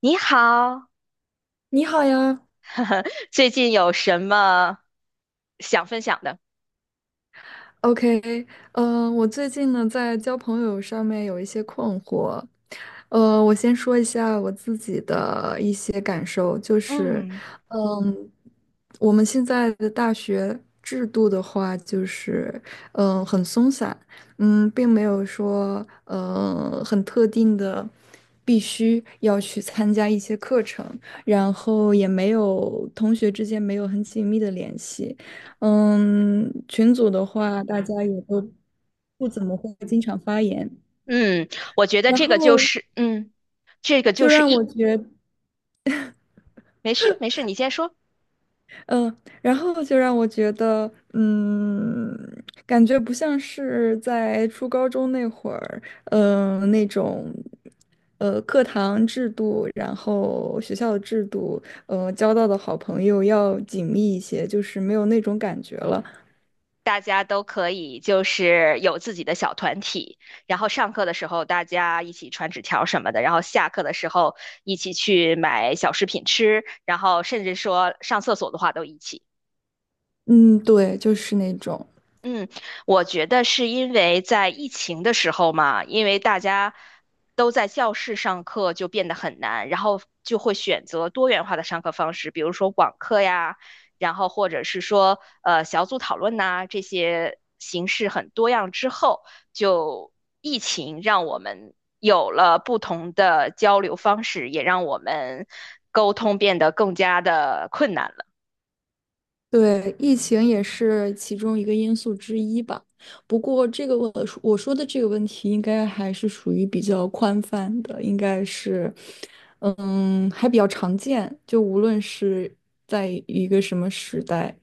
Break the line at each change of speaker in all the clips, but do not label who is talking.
你好，
你好呀
最近有什么想分享的？
，OK，我最近呢在交朋友上面有一些困惑。我先说一下我自己的一些感受，就是，
嗯
嗯，我们现在的大学制度的话，就是，很松散。并没有说，很特定的。必须要去参加一些课程，然后也没有同学之间没有很紧密的联系。群组的话，大家也都不怎么会经常发言。
嗯，我觉得
然
这个就
后
是，这个就
就
是
让
一，
我觉，
没事没事，你先说。
嗯、就让我觉得，感觉不像是在初高中那会儿，那种，课堂制度，然后学校的制度，交到的好朋友要紧密一些，就是没有那种感觉了。
大家都可以就是有自己的小团体，然后上课的时候大家一起传纸条什么的，然后下课的时候一起去买小食品吃，然后甚至说上厕所的话都一起。
嗯，对，就是那种。
嗯，我觉得是因为在疫情的时候嘛，因为大家都在教室上课，就变得很难，然后就会选择多元化的上课方式，比如说网课呀，然后或者是说小组讨论呐，这些形式很多样之后，就疫情让我们有了不同的交流方式，也让我们沟通变得更加的困难了。
对，疫情也是其中一个因素之一吧。不过，这个我说我说的这个问题，应该还是属于比较宽泛的，应该是，还比较常见。就无论是在一个什么时代，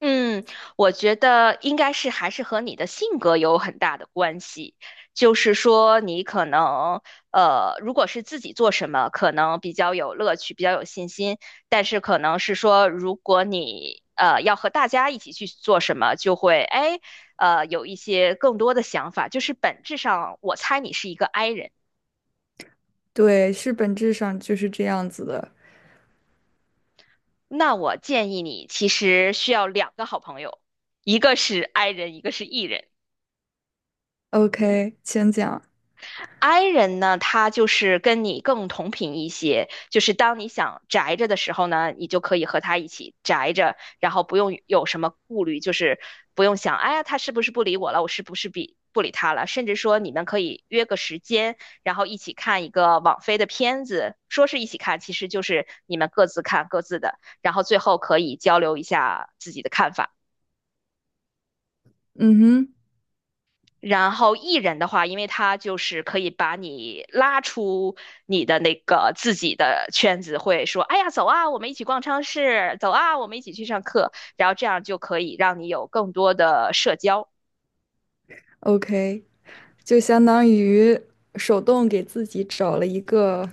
嗯，我觉得应该是还是和你的性格有很大的关系。就是说，你可能如果是自己做什么，可能比较有乐趣，比较有信心；但是可能是说，如果你要和大家一起去做什么，就会哎有一些更多的想法。就是本质上，我猜你是一个 I 人。
对，是本质上就是这样子的。
那我建议你其实需要两个好朋友，一个是 I 人，一个是 E 人。
OK,请讲。
I 人呢，他就是跟你更同频一些，就是当你想宅着的时候呢，你就可以和他一起宅着，然后不用有什么顾虑，就是不用想，哎呀，他是不是不理我了，我是不是比不理他了，甚至说你们可以约个时间，然后一起看一个网飞的片子，说是一起看，其实就是你们各自看各自的，然后最后可以交流一下自己的看法。
嗯哼
然后艺人的话，因为他就是可以把你拉出你的那个自己的圈子，会说，哎呀，走啊，我们一起逛超市，走啊，我们一起去上课，然后这样就可以让你有更多的社交。
，OK,就相当于手动给自己找了一个，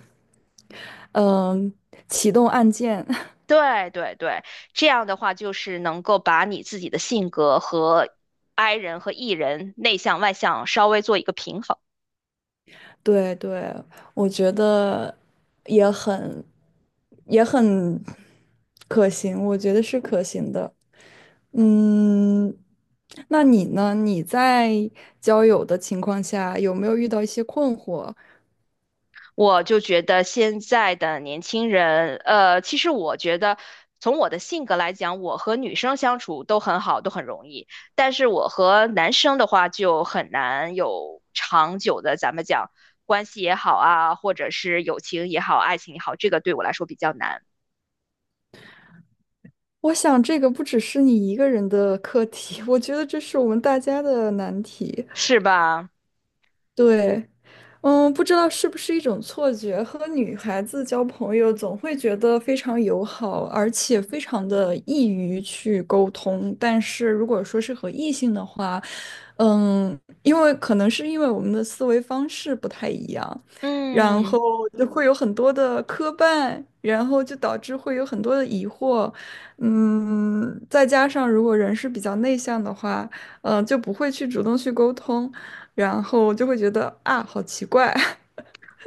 嗯，启动按键。
对对对，这样的话就是能够把你自己的性格和 I 人和 E 人内向外向稍微做一个平衡。
对对，我觉得也很也很可行，我觉得是可行的。嗯，那你呢？你在交友的情况下，有没有遇到一些困惑？
我就觉得现在的年轻人，其实我觉得从我的性格来讲，我和女生相处都很好，都很容易，但是我和男生的话就很难有长久的，咱们讲关系也好啊，或者是友情也好，爱情也好，这个对我来说比较难，
我想这个不只是你一个人的课题，我觉得这是我们大家的难题。
是吧？
对，不知道是不是一种错觉，和女孩子交朋友总会觉得非常友好，而且非常的易于去沟通。但是如果说是和异性的话，因为可能是因为我们的思维方式不太一样，然后
嗯。
就会有很多的磕绊，然后就导致会有很多的疑惑。再加上如果人是比较内向的话，就不会去主动去沟通，然后就会觉得啊，好奇怪。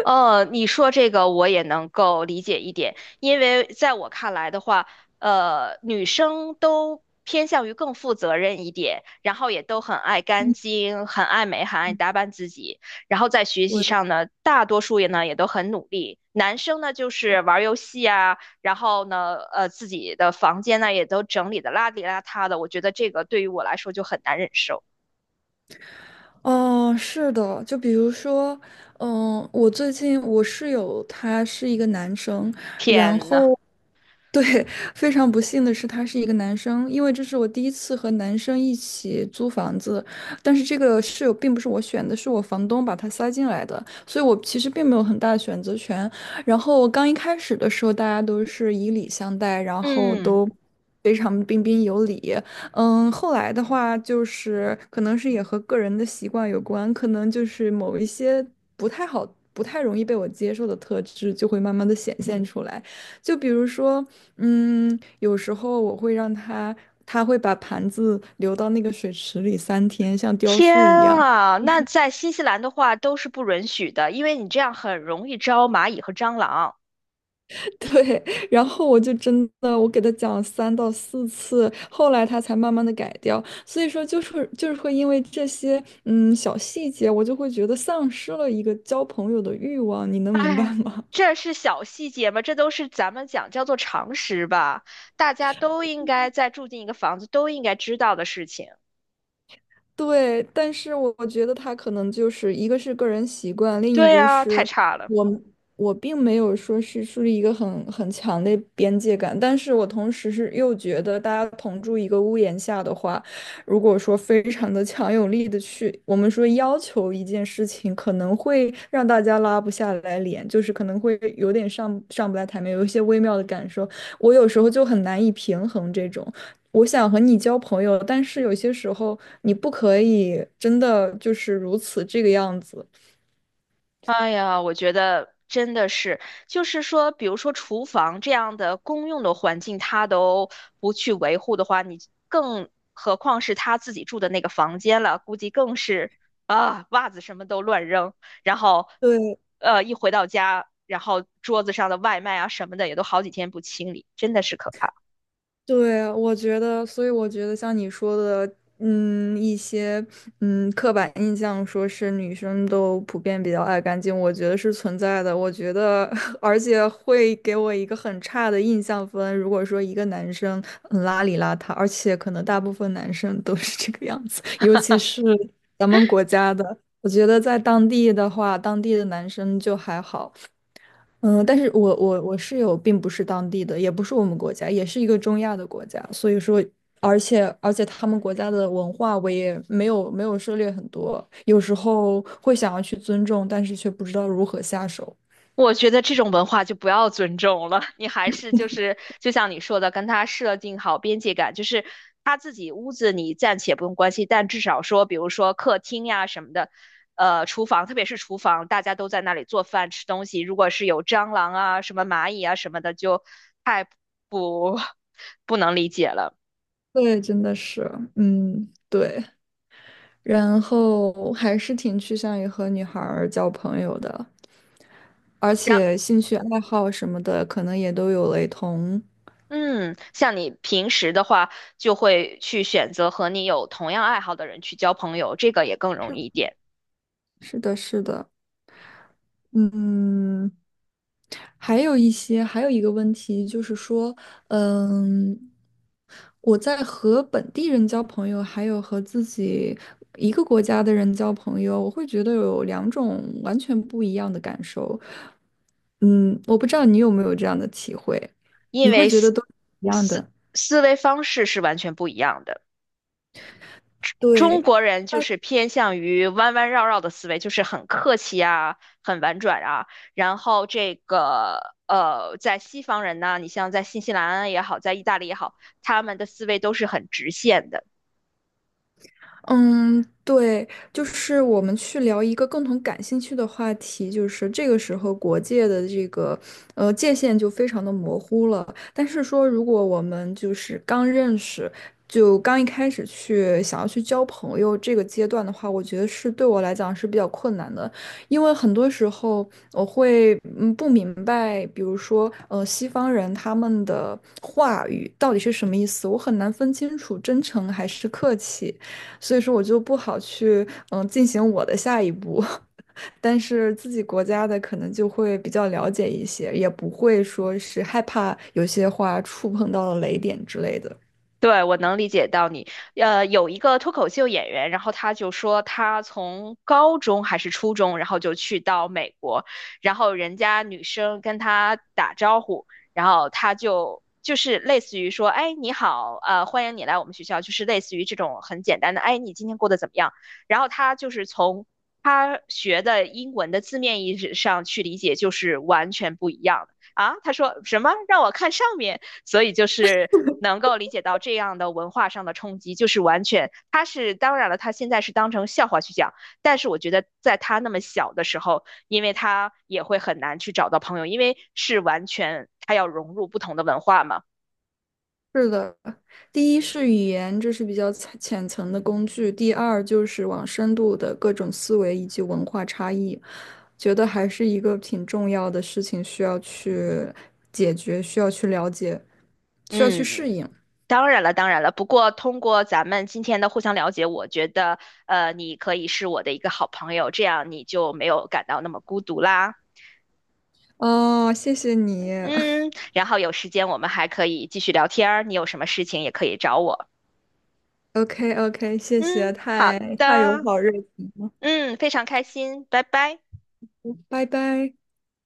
你说这个我也能够理解一点，因为在我看来的话，女生都偏向于更负责任一点，然后也都很爱干净，很爱美，很爱打扮自己，然后在学习上呢，大多数也都很努力。男生呢就是玩儿游戏啊，然后呢，自己的房间呢也都整理的邋里邋遢的，我觉得这个对于我来说就很难忍受。
哦，是的，就比如说，我最近我室友他是一个男生，然
天呐，
后，对，非常不幸的是他是一个男生，因为这是我第一次和男生一起租房子，但是这个室友并不是我选的，是我房东把他塞进来的，所以我其实并没有很大的选择权。然后我刚一开始的时候，大家都是以礼相待，然后
嗯。
都非常彬彬有礼。后来的话就是可能是也和个人的习惯有关，可能就是某一些不太好、不太容易被我接受的特质就会慢慢的显现出来。就比如说，有时候我会让他，他会把盘子留到那个水池里3天，像雕
天
塑一样。
啊，那在新西兰的话都是不允许的，因为你这样很容易招蚂蚁和蟑螂。
对，然后我就真的，我给他讲了3到4次，后来他才慢慢的改掉。所以说，就是会因为这些小细节，我就会觉得丧失了一个交朋友的欲望，你能明白
哎，
吗？
这是小细节吗？这都是咱们讲叫做常识吧，大家都应该在住进一个房子都应该知道的事情。
对，但是我觉得他可能就是一个是个人习惯，另一
对
个
啊，太
是
差了。
我我并没有说是树立一个很强的边界感，但是我同时是又觉得大家同住一个屋檐下的话，如果说非常的强有力的去，我们说要求一件事情，可能会让大家拉不下来脸，就是可能会有点上不来台面，有一些微妙的感受，我有时候就很难以平衡这种。我想和你交朋友，但是有些时候你不可以真的就是如此这个样子。
哎呀，我觉得真的是，就是说，比如说厨房这样的公用的环境，他都不去维护的话，你更何况是他自己住的那个房间了，估计更是啊，袜子什么都乱扔，然后，
对，
一回到家，然后桌子上的外卖啊什么的也都好几天不清理，真的是可怕。
对，我觉得，所以我觉得像你说的，一些刻板印象，说是女生都普遍比较爱干净，我觉得是存在的。我觉得，而且会给我一个很差的印象分。如果说一个男生很邋里邋遢，而且可能大部分男生都是这个样子，尤其是咱们国家的，我觉得在当地的话，当地的男生就还好。但是我室友并不是当地的，也不是我们国家，也是一个中亚的国家，所以说，而且他们国家的文化我也没有涉猎很多，有时候会想要去尊重，但是却不知道如何下手。
我觉得这种文化就不要尊重了，你还是就是就像你说的，跟他设定好边界感，就是他自己屋子你暂且不用关心，但至少说，比如说客厅呀什么的，厨房，特别是厨房，大家都在那里做饭吃东西，如果是有蟑螂啊、什么蚂蚁啊什么的，就太不 不能理解了。
对，真的是，嗯，对，然后还是挺趋向于和女孩儿交朋友的，而
然，
且兴趣爱好什么的可能也都有雷同。
嗯，像你平时的话，就会去选择和你有同样爱好的人去交朋友，这个也更容易一点。
是的，是的。嗯。还有一个问题就是说，嗯，我在和本地人交朋友，还有和自己一个国家的人交朋友，我会觉得有两种完全不一样的感受。嗯，我不知道你有没有这样的体会，
因
你会
为
觉得都一样
思
的。
思维方式是完全不一样的。中
对，
国人就是偏向于弯弯绕绕的思维，就是很客气啊，很婉转啊。然后这个在西方人呢，你像在新西兰也好，在意大利也好，他们的思维都是很直线的。
嗯，对，就是我们去聊一个共同感兴趣的话题，就是这个时候国界的这个界限就非常的模糊了。但是说，如果我们就是刚认识，就刚一开始去想要去交朋友这个阶段的话，我觉得是对我来讲是比较困难的，因为很多时候我会不明白，比如说西方人他们的话语到底是什么意思，我很难分清楚真诚还是客气。所以说我就不好去进行我的下一步。但是自己国家的可能就会比较了解一些，也不会说是害怕有些话触碰到了雷点之类的。
对，我能理解到你。有一个脱口秀演员，然后他就说他从高中还是初中，然后就去到美国，然后人家女生跟他打招呼，然后他就是类似于说，哎，你好，欢迎你来我们学校，就是类似于这种很简单的，哎，你今天过得怎么样？然后他就是从他学的英文的字面意思上去理解，就是完全不一样的。啊，他说什么？让我看上面。所以就是能够理解到这样的文化上的冲击，就是完全他是当然了，他现在是当成笑话去讲，但是我觉得在他那么小的时候，因为他也会很难去找到朋友，因为是完全他要融入不同的文化嘛。
是的，第一是语言，这是比较浅层的工具；第二就是往深度的各种思维以及文化差异，觉得还是一个挺重要的事情，需要去解决，需要去了解，需要去适
嗯，
应。
当然了，当然了。不过通过咱们今天的互相了解，我觉得，你可以是我的一个好朋友，这样你就没有感到那么孤独啦。
哦，谢谢你。
嗯，然后有时间我们还可以继续聊天儿，你有什么事情也可以找我。
OK OK,谢谢，
嗯，好
太太有
的，
好日子，
嗯，非常开心，拜拜。
拜拜。